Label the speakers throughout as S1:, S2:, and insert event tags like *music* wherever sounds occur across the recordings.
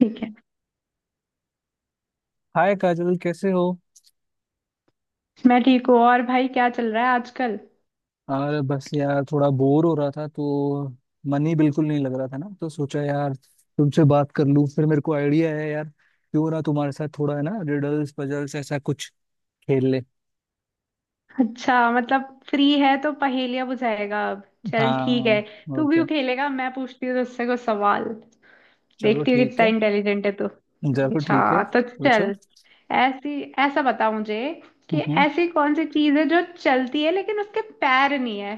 S1: ठीक है।
S2: हाय काजल, कैसे हो?
S1: मैं ठीक हूँ। और भाई क्या चल रहा है आजकल?
S2: यार, बस यार थोड़ा बोर हो रहा था तो मन ही बिल्कुल नहीं लग रहा था ना, तो सोचा यार तुमसे बात कर लूं। फिर मेरे को आइडिया है यार, क्यों ना तुम्हारे साथ थोड़ा है ना रिडल्स पजल्स ऐसा कुछ खेल ले।
S1: अच्छा, मतलब फ्री है तो पहेलियां बुझाएगा? अब चल ठीक है।
S2: हाँ, और
S1: तू
S2: क्या।
S1: क्यों खेलेगा, मैं पूछती हूँ तुझसे कुछ सवाल।
S2: चलो
S1: देखती हूँ
S2: ठीक
S1: कितना
S2: है।
S1: इंटेलिजेंट है तू।
S2: जरूर, ठीक है,
S1: अच्छा तो
S2: पूछो।
S1: चल। ऐसी ऐसा बता मुझे कि
S2: हम्म।
S1: ऐसी कौन सी चीज है जो चलती है लेकिन उसके पैर नहीं है।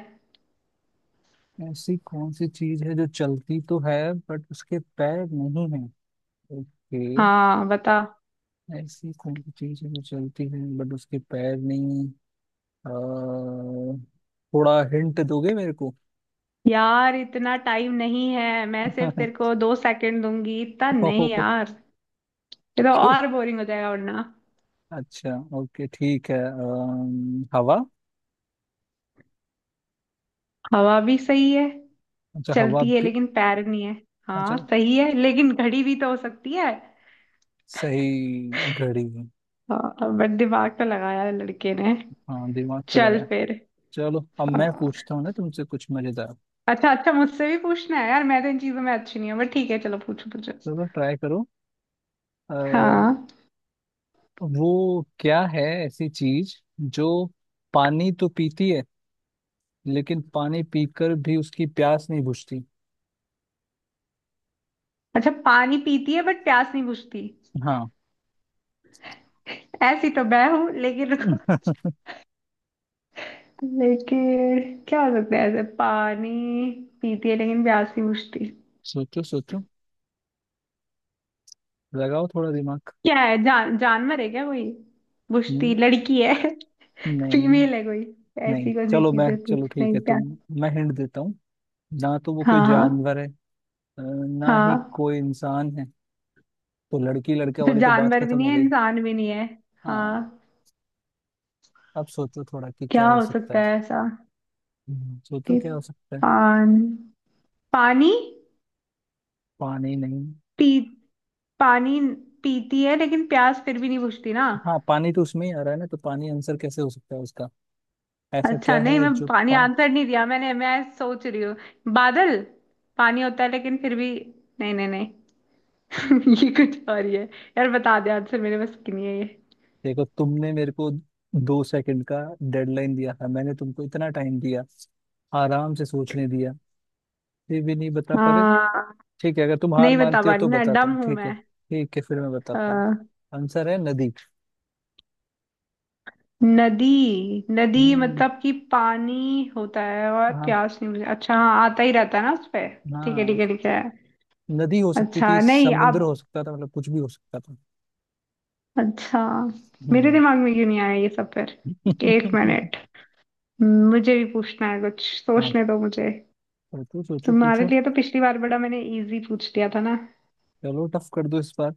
S2: ऐसी कौन सी चीज है जो चलती तो है बट उसके पैर नहीं है? ओके।
S1: हाँ, बता।
S2: ऐसी कौन सी चीज है जो चलती है बट उसके पैर नहीं? अ, थोड़ा हिंट दोगे मेरे को?
S1: यार इतना टाइम नहीं है, मैं सिर्फ तेरे
S2: *laughs*
S1: को दो सेकंड दूंगी, इतना नहीं
S2: ओहो,
S1: यार। ये तो
S2: क्यों?
S1: और बोरिंग हो जाएगा वरना।
S2: अच्छा। ओके ठीक है, हवा।
S1: हवा भी सही है।
S2: अच्छा हवा
S1: चलती है
S2: भी,
S1: लेकिन पैर नहीं है।
S2: अच्छा
S1: हाँ सही है, लेकिन घड़ी भी तो हो सकती है।
S2: सही, घड़ी।
S1: हाँ, बट दिमाग तो लगाया है लड़के ने।
S2: हाँ दिमाग तो लगा
S1: चल
S2: है।
S1: फिर।
S2: चलो अब मैं
S1: हाँ।
S2: पूछता हूँ ना तुमसे कुछ मजेदार।
S1: अच्छा अच्छा, मुझसे भी पूछना है यार। मैं तो इन चीजों में अच्छी नहीं हूँ, बट ठीक है, चलो पूछो पूछो।
S2: चलो ट्राई करो। आ,
S1: हाँ।
S2: वो क्या है ऐसी चीज जो पानी तो पीती है लेकिन पानी पीकर भी उसकी प्यास नहीं बुझती?
S1: अच्छा, पानी पीती है बट प्यास नहीं बुझती।
S2: हाँ।
S1: ऐसी तो मैं हूँ, लेकिन रुको।
S2: *laughs*
S1: लेकिन क्या हो सकता है ऐसे? पानी पीती है लेकिन प्यास नहीं बुझती।
S2: सोचो सोचो, लगाओ थोड़ा दिमाग।
S1: क्या है? जानवर है क्या कोई? बुझती,
S2: हम्म।
S1: लड़की है?
S2: नहीं।
S1: फीमेल है कोई?
S2: नहीं
S1: ऐसी कौन सी
S2: चलो, मैं
S1: चीजें
S2: चलो
S1: पूछना
S2: ठीक
S1: है
S2: है, तो
S1: क्या?
S2: मैं हिंट देता हूँ। ना तो वो कोई
S1: हाँ हाँ।
S2: जानवर है, ना ही
S1: हाँ।
S2: कोई इंसान है, तो लड़की लड़का
S1: तो
S2: वाली तो बात
S1: जानवर भी
S2: खत्म
S1: नहीं
S2: हो
S1: है,
S2: गई।
S1: इंसान भी नहीं है।
S2: हाँ।
S1: हाँ।
S2: अब सोचो थोड़ा कि क्या
S1: क्या
S2: हो
S1: हो
S2: सकता
S1: सकता
S2: है।
S1: है ऐसा?
S2: सोचो
S1: कि
S2: क्या हो सकता है।
S1: पान पानी
S2: पानी नहीं।
S1: पी पानी पीती है लेकिन प्यास फिर भी नहीं बुझती ना।
S2: हाँ पानी तो उसमें ही आ रहा है ना, तो पानी आंसर कैसे हो सकता है उसका? ऐसा
S1: अच्छा,
S2: क्या
S1: नहीं
S2: है
S1: मैं
S2: जो
S1: पानी
S2: पा
S1: आंसर नहीं दिया मैंने, मैं सोच रही हूँ। बादल, पानी होता है लेकिन फिर भी, नहीं नहीं नहीं। *laughs* ये कुछ और ही है। यार बता दे आंसर, मेरे बस की नहीं है ये।
S2: देखो, तुमने मेरे को दो सेकंड का डेडलाइन दिया था, मैंने तुमको इतना टाइम दिया, आराम से सोचने दिया, फिर भी नहीं बता पा रहे।
S1: हाँ,
S2: ठीक है, अगर तुम हार
S1: नहीं बता
S2: मानती
S1: पा
S2: हो
S1: रही
S2: तो
S1: ना,
S2: बताता
S1: डम
S2: हूँ।
S1: हूं
S2: ठीक है
S1: मैं।
S2: ठीक है, फिर मैं
S1: अ,
S2: बताता हूँ। आंसर है नदी।
S1: नदी? नदी
S2: हम्म।
S1: मतलब कि पानी होता है और
S2: हाँ।
S1: प्यास नहीं, मुझे अच्छा, हाँ आता ही रहता है ना उस पे। ठीक है
S2: हाँ
S1: ठीक है ठीक है।
S2: नदी हो सकती
S1: अच्छा
S2: थी,
S1: नहीं आप,
S2: समुद्र हो सकता था, मतलब कुछ भी हो सकता था।
S1: अच्छा मेरे
S2: हम्म।
S1: दिमाग में क्यों नहीं आया ये सब फिर? एक
S2: *laughs*
S1: मिनट, मुझे भी पूछना है, कुछ
S2: हाँ,
S1: सोचने दो मुझे।
S2: पर तू सोचो
S1: तुम्हारे
S2: पूछो।
S1: लिए तो पिछली बार बड़ा मैंने इजी पूछ दिया था ना।
S2: चलो टफ कर दो इस बार।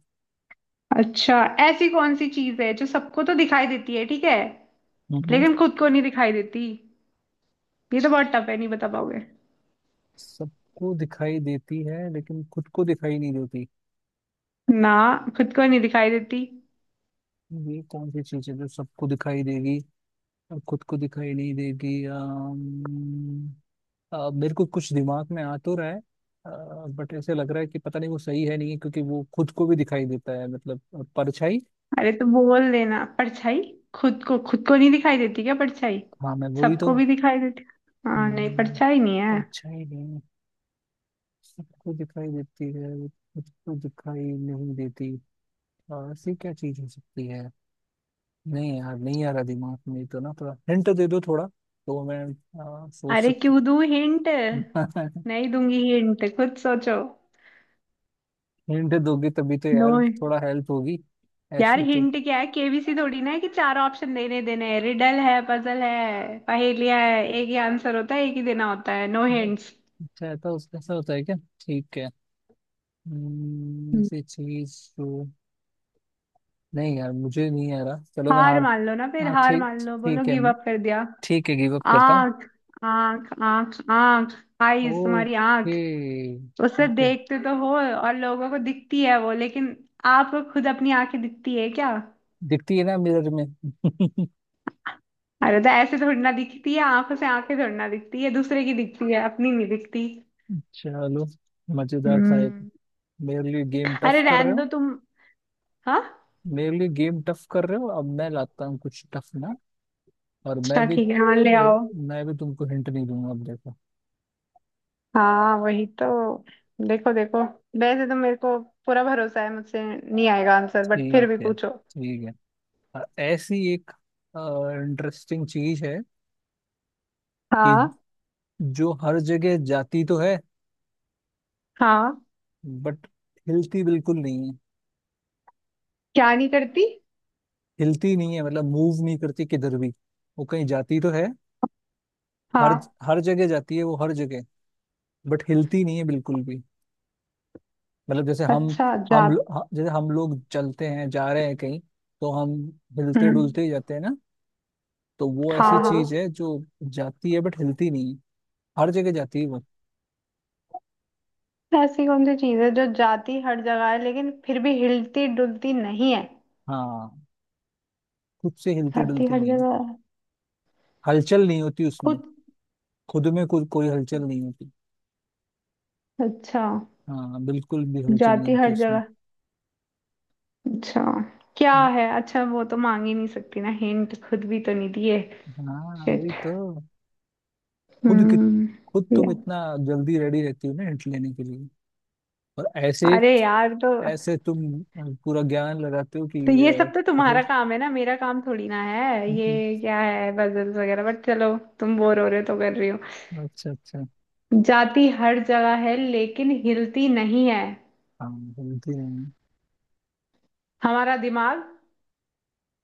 S1: अच्छा, ऐसी कौन सी चीज है जो सबको तो दिखाई देती है, ठीक है,
S2: हम्म।
S1: लेकिन खुद को नहीं दिखाई देती। ये तो बहुत टफ है, नहीं बता पाओगे।
S2: सबको दिखाई देती है लेकिन खुद को दिखाई नहीं देती।
S1: ना, खुद को नहीं दिखाई देती।
S2: ये कौन सी चीज है जो सबको दिखाई देगी और खुद को दिखाई नहीं देगी? मेरे को कुछ दिमाग में आ तो रहा है, बट ऐसे लग रहा है कि पता नहीं वो सही है नहीं, क्योंकि वो खुद को भी दिखाई देता है, मतलब परछाई।
S1: अरे तो बोल देना परछाई। खुद को, नहीं दिखाई देती क्या परछाई?
S2: हाँ मैं वही तो।
S1: सबको भी दिखाई देती। हाँ, नहीं
S2: हम्म,
S1: परछाई नहीं है।
S2: परछाई नहीं। सबको दिखाई देती है वो खुद को दिखाई नहीं देती। ऐसी क्या चीज हो सकती है? नहीं यार, नहीं आ रहा दिमाग में तो ना, थोड़ा हिंट दे दो थोड़ा, तो मैं सोच
S1: अरे
S2: सकता
S1: क्यों दूँ हिंट?
S2: हूँ।
S1: नहीं दूंगी हिंट, खुद सोचो।
S2: *laughs* हिंट दोगे तभी तो
S1: नो।
S2: यार थोड़ा हेल्प होगी।
S1: यार
S2: ऐसे तो,
S1: हिंट क्या है, केबीसी थोड़ी ना है कि चार ऑप्शन देने देने हैं। रिडल है, पजल है, पहेलिया है, एक ही आंसर होता है, एक ही देना होता है। No hints.
S2: अच्छा ऐसा ऐसा होता है क्या? ठीक है। ऐसी चीज तो, नहीं यार, मुझे नहीं आ रहा। चलो मैं
S1: हार
S2: हार।
S1: मान लो ना फिर,
S2: हाँ,
S1: हार
S2: ठीक
S1: मान लो, बोलो
S2: ठीक है
S1: गिव अप कर दिया।
S2: ठीक है, गिव अप करता हूँ।
S1: आंख आंख आंख आंख, आईज, तुम्हारी
S2: ओके
S1: आंख। उसे
S2: ओके,
S1: देखते तो हो और लोगों को दिखती है वो, लेकिन आपको खुद अपनी आंखें दिखती है क्या?
S2: दिखती है ना मिरर में। *laughs*
S1: अरे तो ऐसे थोड़ी ना दिखती है, आंखों से आंखें थोड़ी ना दिखती है, दूसरे की दिखती है अपनी नहीं दिखती।
S2: चलो मजेदार था ये तो।
S1: हम्म।
S2: मेरे लिए गेम टफ
S1: अरे
S2: कर
S1: रहने
S2: रहे
S1: दो
S2: हो।
S1: तुम। हाँ।
S2: मेरे लिए गेम टफ कर रहे हो, अब मैं लाता हूँ कुछ टफ ना। और
S1: अच्छा
S2: मैं भी
S1: ठीक है, हाँ ले आओ।
S2: मैं भी तुमको हिंट नहीं दूंगा, अब देखो।
S1: हाँ वही तो। देखो देखो, वैसे तो मेरे को पूरा भरोसा है मुझसे नहीं आएगा आंसर, बट फिर भी
S2: ठीक है
S1: पूछो।
S2: ठीक है। ऐसी एक इंटरेस्टिंग चीज है कि
S1: हाँ।
S2: जो हर जगह जाती तो है
S1: हाँ,
S2: बट हिलती बिल्कुल नहीं है।
S1: क्या नहीं करती?
S2: हिलती नहीं है, मतलब मूव नहीं करती किधर भी। वो कहीं जाती तो है, हर
S1: हाँ,
S2: हर जगह जाती है वो, हर जगह, बट हिलती नहीं है बिल्कुल भी। मतलब
S1: अच्छा, जात,
S2: जैसे हम लोग चलते हैं जा रहे हैं कहीं, तो हम हिलते
S1: हम्म।
S2: डुलते ही जाते हैं ना। तो वो ऐसी
S1: हाँ हाँ।
S2: चीज है जो जाती है बट हिलती नहीं है। हर जगह जाती है वो।
S1: ऐसी कौन सी चीज है जो जाती हर जगह है लेकिन फिर भी हिलती डुलती नहीं है?
S2: हाँ, खुद से हिलती
S1: जाती
S2: डुलती
S1: हर
S2: नहीं है,
S1: जगह है।
S2: हलचल नहीं होती उसमें,
S1: खुद,
S2: खुद में कुछ कोई हलचल नहीं होती।
S1: अच्छा।
S2: हाँ बिल्कुल भी हलचल
S1: जाती
S2: नहीं थी
S1: हर
S2: उसमें।
S1: जगह, अच्छा क्या है? अच्छा, वो तो मांग ही नहीं सकती ना हिंट, खुद भी तो नहीं दिए।
S2: हाँ
S1: शिट।
S2: वही तो। खुद कि
S1: हम्म।
S2: खुद तुम
S1: या-
S2: इतना जल्दी रेडी रहती हो ना हिंट लेने के लिए। और ऐसे
S1: अरे यार,
S2: ऐसे तुम पूरा ज्ञान लगाते हो कि,
S1: तो ये
S2: अ,
S1: सब तो
S2: पहे
S1: तुम्हारा काम है ना, मेरा काम थोड़ी ना है
S2: हम्म,
S1: ये। क्या है पजल्स वगैरह, बट चलो तुम बोर हो रहे हो तो कर रही हो।
S2: अच्छा अच्छा।
S1: जाती हर जगह है लेकिन हिलती नहीं है।
S2: हाँ जल्दी नहीं।
S1: हमारा दिमाग।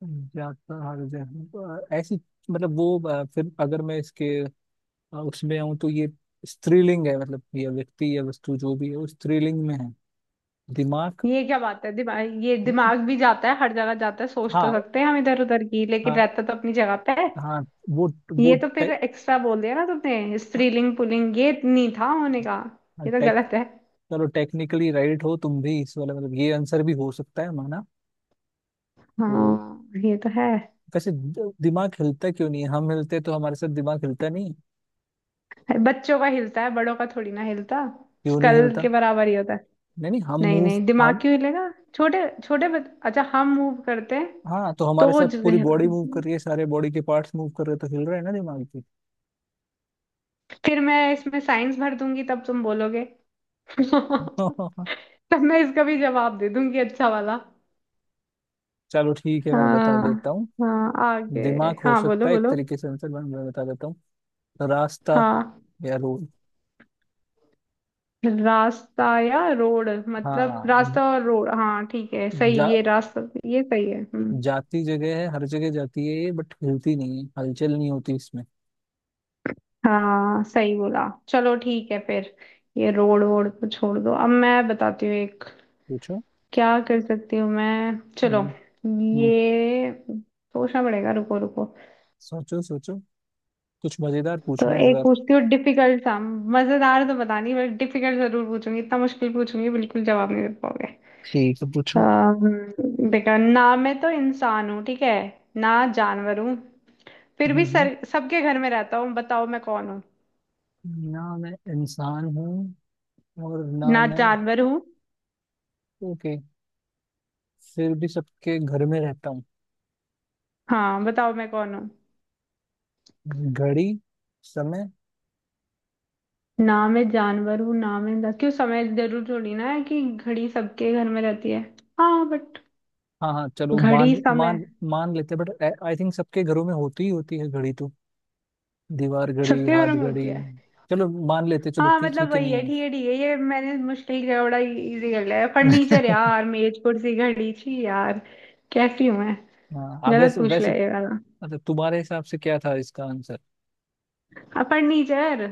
S2: जाता हर जगह, ऐसी, मतलब वो, फिर अगर मैं इसके उसमें आऊँ तो ये स्त्रीलिंग है, मतलब यह व्यक्ति या वस्तु जो भी है वो स्त्रीलिंग में है। दिमाग।
S1: ये क्या बात है? दिमाग, ये दिमाग भी जाता है, हर जगह जाता है। सोच तो
S2: हाँ
S1: सकते हैं हम इधर उधर की, लेकिन
S2: हाँ
S1: रहता तो अपनी जगह पे है।
S2: हाँ, वो वो
S1: ये तो फिर एक्स्ट्रा बोल दिया ना तुमने, स्त्रीलिंग पुल्लिंग ये नहीं था होने का।
S2: हाँ,
S1: ये तो
S2: टेक
S1: गलत है।
S2: चलो टेक्निकली राइट हो तुम भी इस वाले, मतलब ये आंसर भी हो सकता है, माना। तो
S1: हाँ ये तो है।
S2: वैसे दिमाग हिलता क्यों नहीं है? हम हिलते तो हमारे साथ दिमाग हिलता नहीं है।
S1: बच्चों का हिलता है, बड़ों का थोड़ी ना हिलता।
S2: क्यों नहीं
S1: स्कल
S2: हिलता?
S1: के बराबर ही होता है।
S2: नहीं नहीं, हम
S1: नहीं
S2: मूव
S1: नहीं,
S2: हम
S1: दिमाग क्यों हिलेगा? छोटे छोटे बच... अच्छा हम मूव करते हैं।
S2: हाँ, तो
S1: तो
S2: हमारे
S1: वो
S2: साथ
S1: ज-
S2: पूरी बॉडी मूव कर रही है, सारे बॉडी के पार्ट्स मूव कर रहे हैं, तो हिल रहे हैं ना दिमाग भी।
S1: फिर मैं इसमें साइंस भर दूंगी तब तुम बोलोगे। *laughs* तब
S2: *laughs*
S1: मैं इसका भी जवाब दे दूंगी अच्छा वाला।
S2: चलो ठीक है, मैं बता देता
S1: हाँ,
S2: हूँ।
S1: हाँ आगे।
S2: दिमाग हो
S1: हाँ बोलो
S2: सकता है एक
S1: बोलो।
S2: तरीके से आंसर, मैं बता देता हूँ, रास्ता
S1: हाँ,
S2: या रोड।
S1: रास्ता या रोड, मतलब
S2: हाँ।
S1: रास्ता और रोड, हाँ ठीक है सही,
S2: जा,
S1: ये रास्ता। ये सही है। हम्म।
S2: जाती जगह है, हर जगह जाती है ये, बट हिलती नहीं है, हलचल नहीं होती इसमें।
S1: हाँ सही बोला, चलो ठीक है फिर। ये रोड वोड को छोड़ दो, अब मैं बताती हूँ एक।
S2: पूछो।
S1: क्या कर सकती हूँ मैं, चलो।
S2: हम्म। हम्म,
S1: ये सोचना पड़ेगा, रुको रुको।
S2: सोचो सोचो। कुछ मजेदार
S1: तो
S2: पूछना है इस
S1: एक
S2: बार।
S1: पूछती हूँ डिफिकल्ट सा। मजेदार तो पता नहीं बट डिफिकल्ट जरूर पूछूंगी, इतना मुश्किल पूछूंगी बिल्कुल जवाब नहीं दे पाओगे।
S2: ठीक है पूछो।
S1: देखो ना, मैं तो इंसान हूँ, ठीक है, ना जानवर हूँ, फिर भी
S2: हम्म।
S1: सर सबके घर में रहता हूँ, बताओ मैं कौन हूँ?
S2: हम्म। ना मैं इंसान हूँ और ना
S1: ना
S2: मैं,
S1: जानवर हूँ,
S2: ओके। फिर भी सबके घर में रहता हूँ।
S1: हाँ बताओ मैं कौन हूँ?
S2: घड़ी, समय।
S1: ना मैं जानवर हूँ ना मैं इंसान, क्यों समय जरूर थोड़ी ना है, कि घड़ी सबके घर में रहती है। हाँ बट
S2: हाँ हाँ, चलो मान
S1: घड़ी समय
S2: मान मान लेते हैं, बट आई थिंक सबके घरों में होती ही होती है घड़ी तो। दीवार घड़ी,
S1: सबके
S2: हाथ
S1: घर में
S2: घड़ी।
S1: होती है।
S2: चलो मान लेते हैं, चलो
S1: हाँ
S2: किसी
S1: मतलब
S2: के
S1: वही है,
S2: नहीं है।
S1: ठीक है ठीक है, ये मैंने मुश्किल किया बड़ा, इजी कर लिया, फर्नीचर
S2: *laughs*
S1: यार, मेज कुर्सी घड़ी, छी यार। कैसी हूँ मैं,
S2: हाँ आप,
S1: गलत
S2: वैसे
S1: पूछ
S2: वैसे।
S1: लिया ये वाला।
S2: मतलब तुम्हारे हिसाब से क्या था इसका आंसर?
S1: अब फर्नीचर,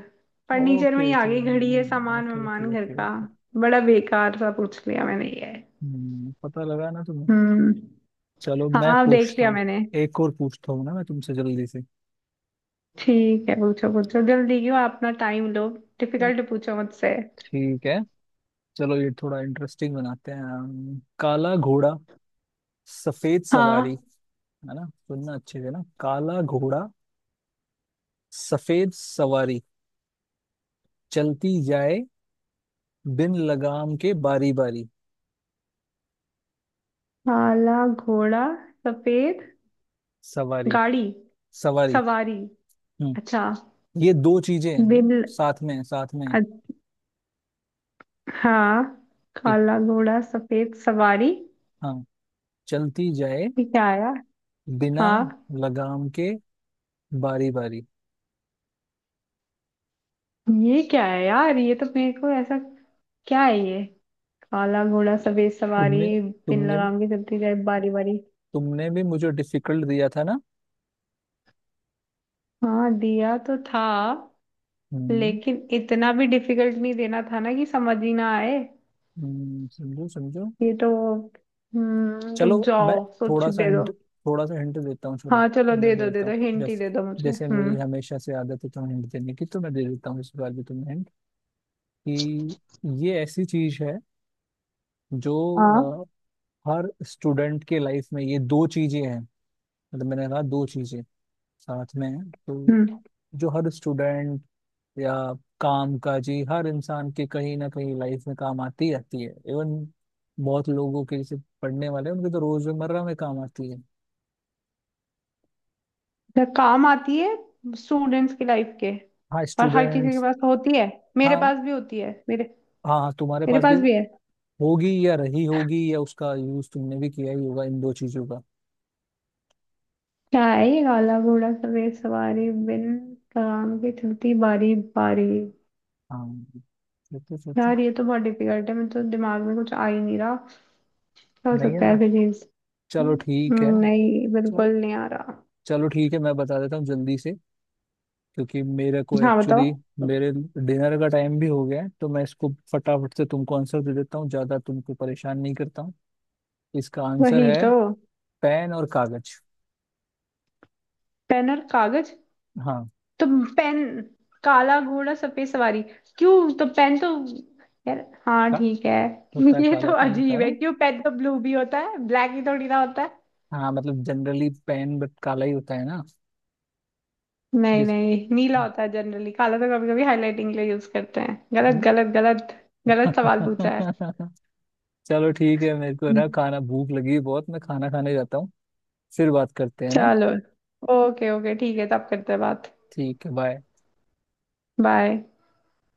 S1: फर्नीचर में ही
S2: ओके
S1: आ
S2: तो,
S1: गई घड़ी है, सामान
S2: ओके
S1: वामान
S2: ओके
S1: घर
S2: ओके
S1: का।
S2: ओके।
S1: बड़ा बेकार सा पूछ लिया मैंने ये।
S2: पता लगा ना तुम्हें।
S1: हम्म।
S2: चलो मैं
S1: हाँ, अब देख
S2: पूछता
S1: लिया
S2: हूँ,
S1: मैंने।
S2: एक और पूछता हूँ ना मैं तुमसे जल्दी से।
S1: ठीक है पूछो पूछो, जल्दी क्यों, अपना टाइम लो।
S2: चल,
S1: डिफिकल्ट पूछो मुझसे।
S2: ठीक है। चलो ये थोड़ा इंटरेस्टिंग बनाते हैं, काला घोड़ा, सफेद सवारी,
S1: हाँ।
S2: है ना? सुनना अच्छे से ना, काला घोड़ा, सफेद सवारी, चलती जाए बिन लगाम के बारी बारी।
S1: काला घोड़ा, सफेद
S2: सवारी।
S1: गाड़ी
S2: सवारी।
S1: सवारी।
S2: हम्म।
S1: अच्छा।
S2: ये दो चीजें हैं ना,
S1: बिल।
S2: साथ में हैं, साथ में हैं।
S1: हाँ।
S2: एक।
S1: काला घोड़ा सफेद सवारी।
S2: हाँ, चलती जाए
S1: ये क्या आया?
S2: बिना
S1: हाँ।
S2: लगाम के बारी बारी।
S1: ये क्या है यार, ये तो मेरे को ऐसा, क्या है ये? काला घोड़ा सफेद सवारी,
S2: तुमने
S1: बिन
S2: तुमने
S1: लगाम के चलती जाए बारी बारी।
S2: तुमने भी मुझे डिफिकल्ट दिया था ना।
S1: हाँ दिया तो था,
S2: हम्म।
S1: लेकिन इतना भी डिफिकल्ट नहीं देना था ना कि समझ ही ना आए।
S2: समझो समझो।
S1: ये तो, हम्म, रुक
S2: चलो मैं
S1: जाओ सोच
S2: थोड़ा सा
S1: दे दो।
S2: हिंट थोड़ा सा हिंट देता हूँ चलो।
S1: हाँ चलो
S2: मैं
S1: दे
S2: दे
S1: दो दे
S2: देता
S1: दो,
S2: हूँ,
S1: हिंट ही
S2: जैसे
S1: दे दो मुझे।
S2: जैसे मेरी
S1: हम्म।
S2: हमेशा से आदत है तुम्हें हिंट देने की, तो मैं दे देता हूँ इस बार भी तुम्हें हिंट कि ये ऐसी चीज है जो,
S1: हाँ।
S2: अ, हर स्टूडेंट के लाइफ में ये दो चीजें हैं, मतलब मैंने कहा दो चीजें साथ में हैं, तो
S1: हम्म,
S2: जो हर स्टूडेंट या काम काजी हर इंसान के कहीं ना कहीं लाइफ में काम आती ही आती है। इवन बहुत लोगों के, जैसे पढ़ने वाले हैं, उनके तो रोजमर्रा में काम आती है।
S1: तो काम आती है स्टूडेंट्स की लाइफ के,
S2: हाँ
S1: और हर किसी के
S2: स्टूडेंट्स।
S1: पास होती है, मेरे
S2: हाँ
S1: पास भी होती है, मेरे,
S2: हाँ हाँ, तुम्हारे
S1: मेरे
S2: पास भी
S1: पास भी है।
S2: होगी या रही होगी या उसका यूज तुमने भी किया ही होगा इन दो चीजों का।
S1: क्या है ये, काला घोड़ा सफेद सवारी बिन काम की चलती बारी बारी।
S2: हाँ ये तो सोचो।
S1: यार ये तो बहुत डिफिकल्ट है, मेरे तो दिमाग में कुछ आ ही नहीं रहा। क्या हो
S2: नहीं आ
S1: सकता है
S2: रहा,
S1: ऐसी चीज?
S2: चलो ठीक है।
S1: नहीं
S2: चलो,
S1: बिल्कुल नहीं आ रहा।
S2: चलो ठीक है, मैं बता देता हूँ जल्दी से, क्योंकि मेरे को
S1: हाँ बताओ।
S2: एक्चुअली मेरे डिनर का टाइम भी हो गया है, तो मैं इसको फटाफट से तुमको आंसर दे देता हूँ, ज्यादा तुमको परेशान नहीं करता हूँ। इसका आंसर
S1: वही
S2: है
S1: तो,
S2: पेन और कागज।
S1: पेन और कागज।
S2: हाँ।
S1: तो पेन, काला घोड़ा सफेद सवारी, क्यों? तो पेन तो, यार, हाँ
S2: का
S1: ठीक है।
S2: होता है,
S1: *laughs* ये
S2: काला
S1: तो
S2: पेन होता
S1: अजीब
S2: है
S1: है,
S2: ना।
S1: क्यों पेन तो ब्लू भी होता है, ब्लैक ही थोड़ी ना होता है।
S2: हाँ मतलब जनरली पेन बट काला ही होता है ना।
S1: नहीं
S2: जिस
S1: नहीं नीला होता
S2: *laughs*
S1: है जनरली, काला तो कभी कभी हाईलाइटिंग के लिए यूज करते हैं। गलत गलत गलत, गलत सवाल पूछा है।
S2: चलो ठीक है, मेरे को ना
S1: हम्म।
S2: खाना भूख लगी है बहुत, मैं खाना खाने जाता हूँ, फिर बात करते हैं ना।
S1: चलो, ओके ओके ठीक है तब करते हैं बात।
S2: ठीक है, बाय।
S1: बाय।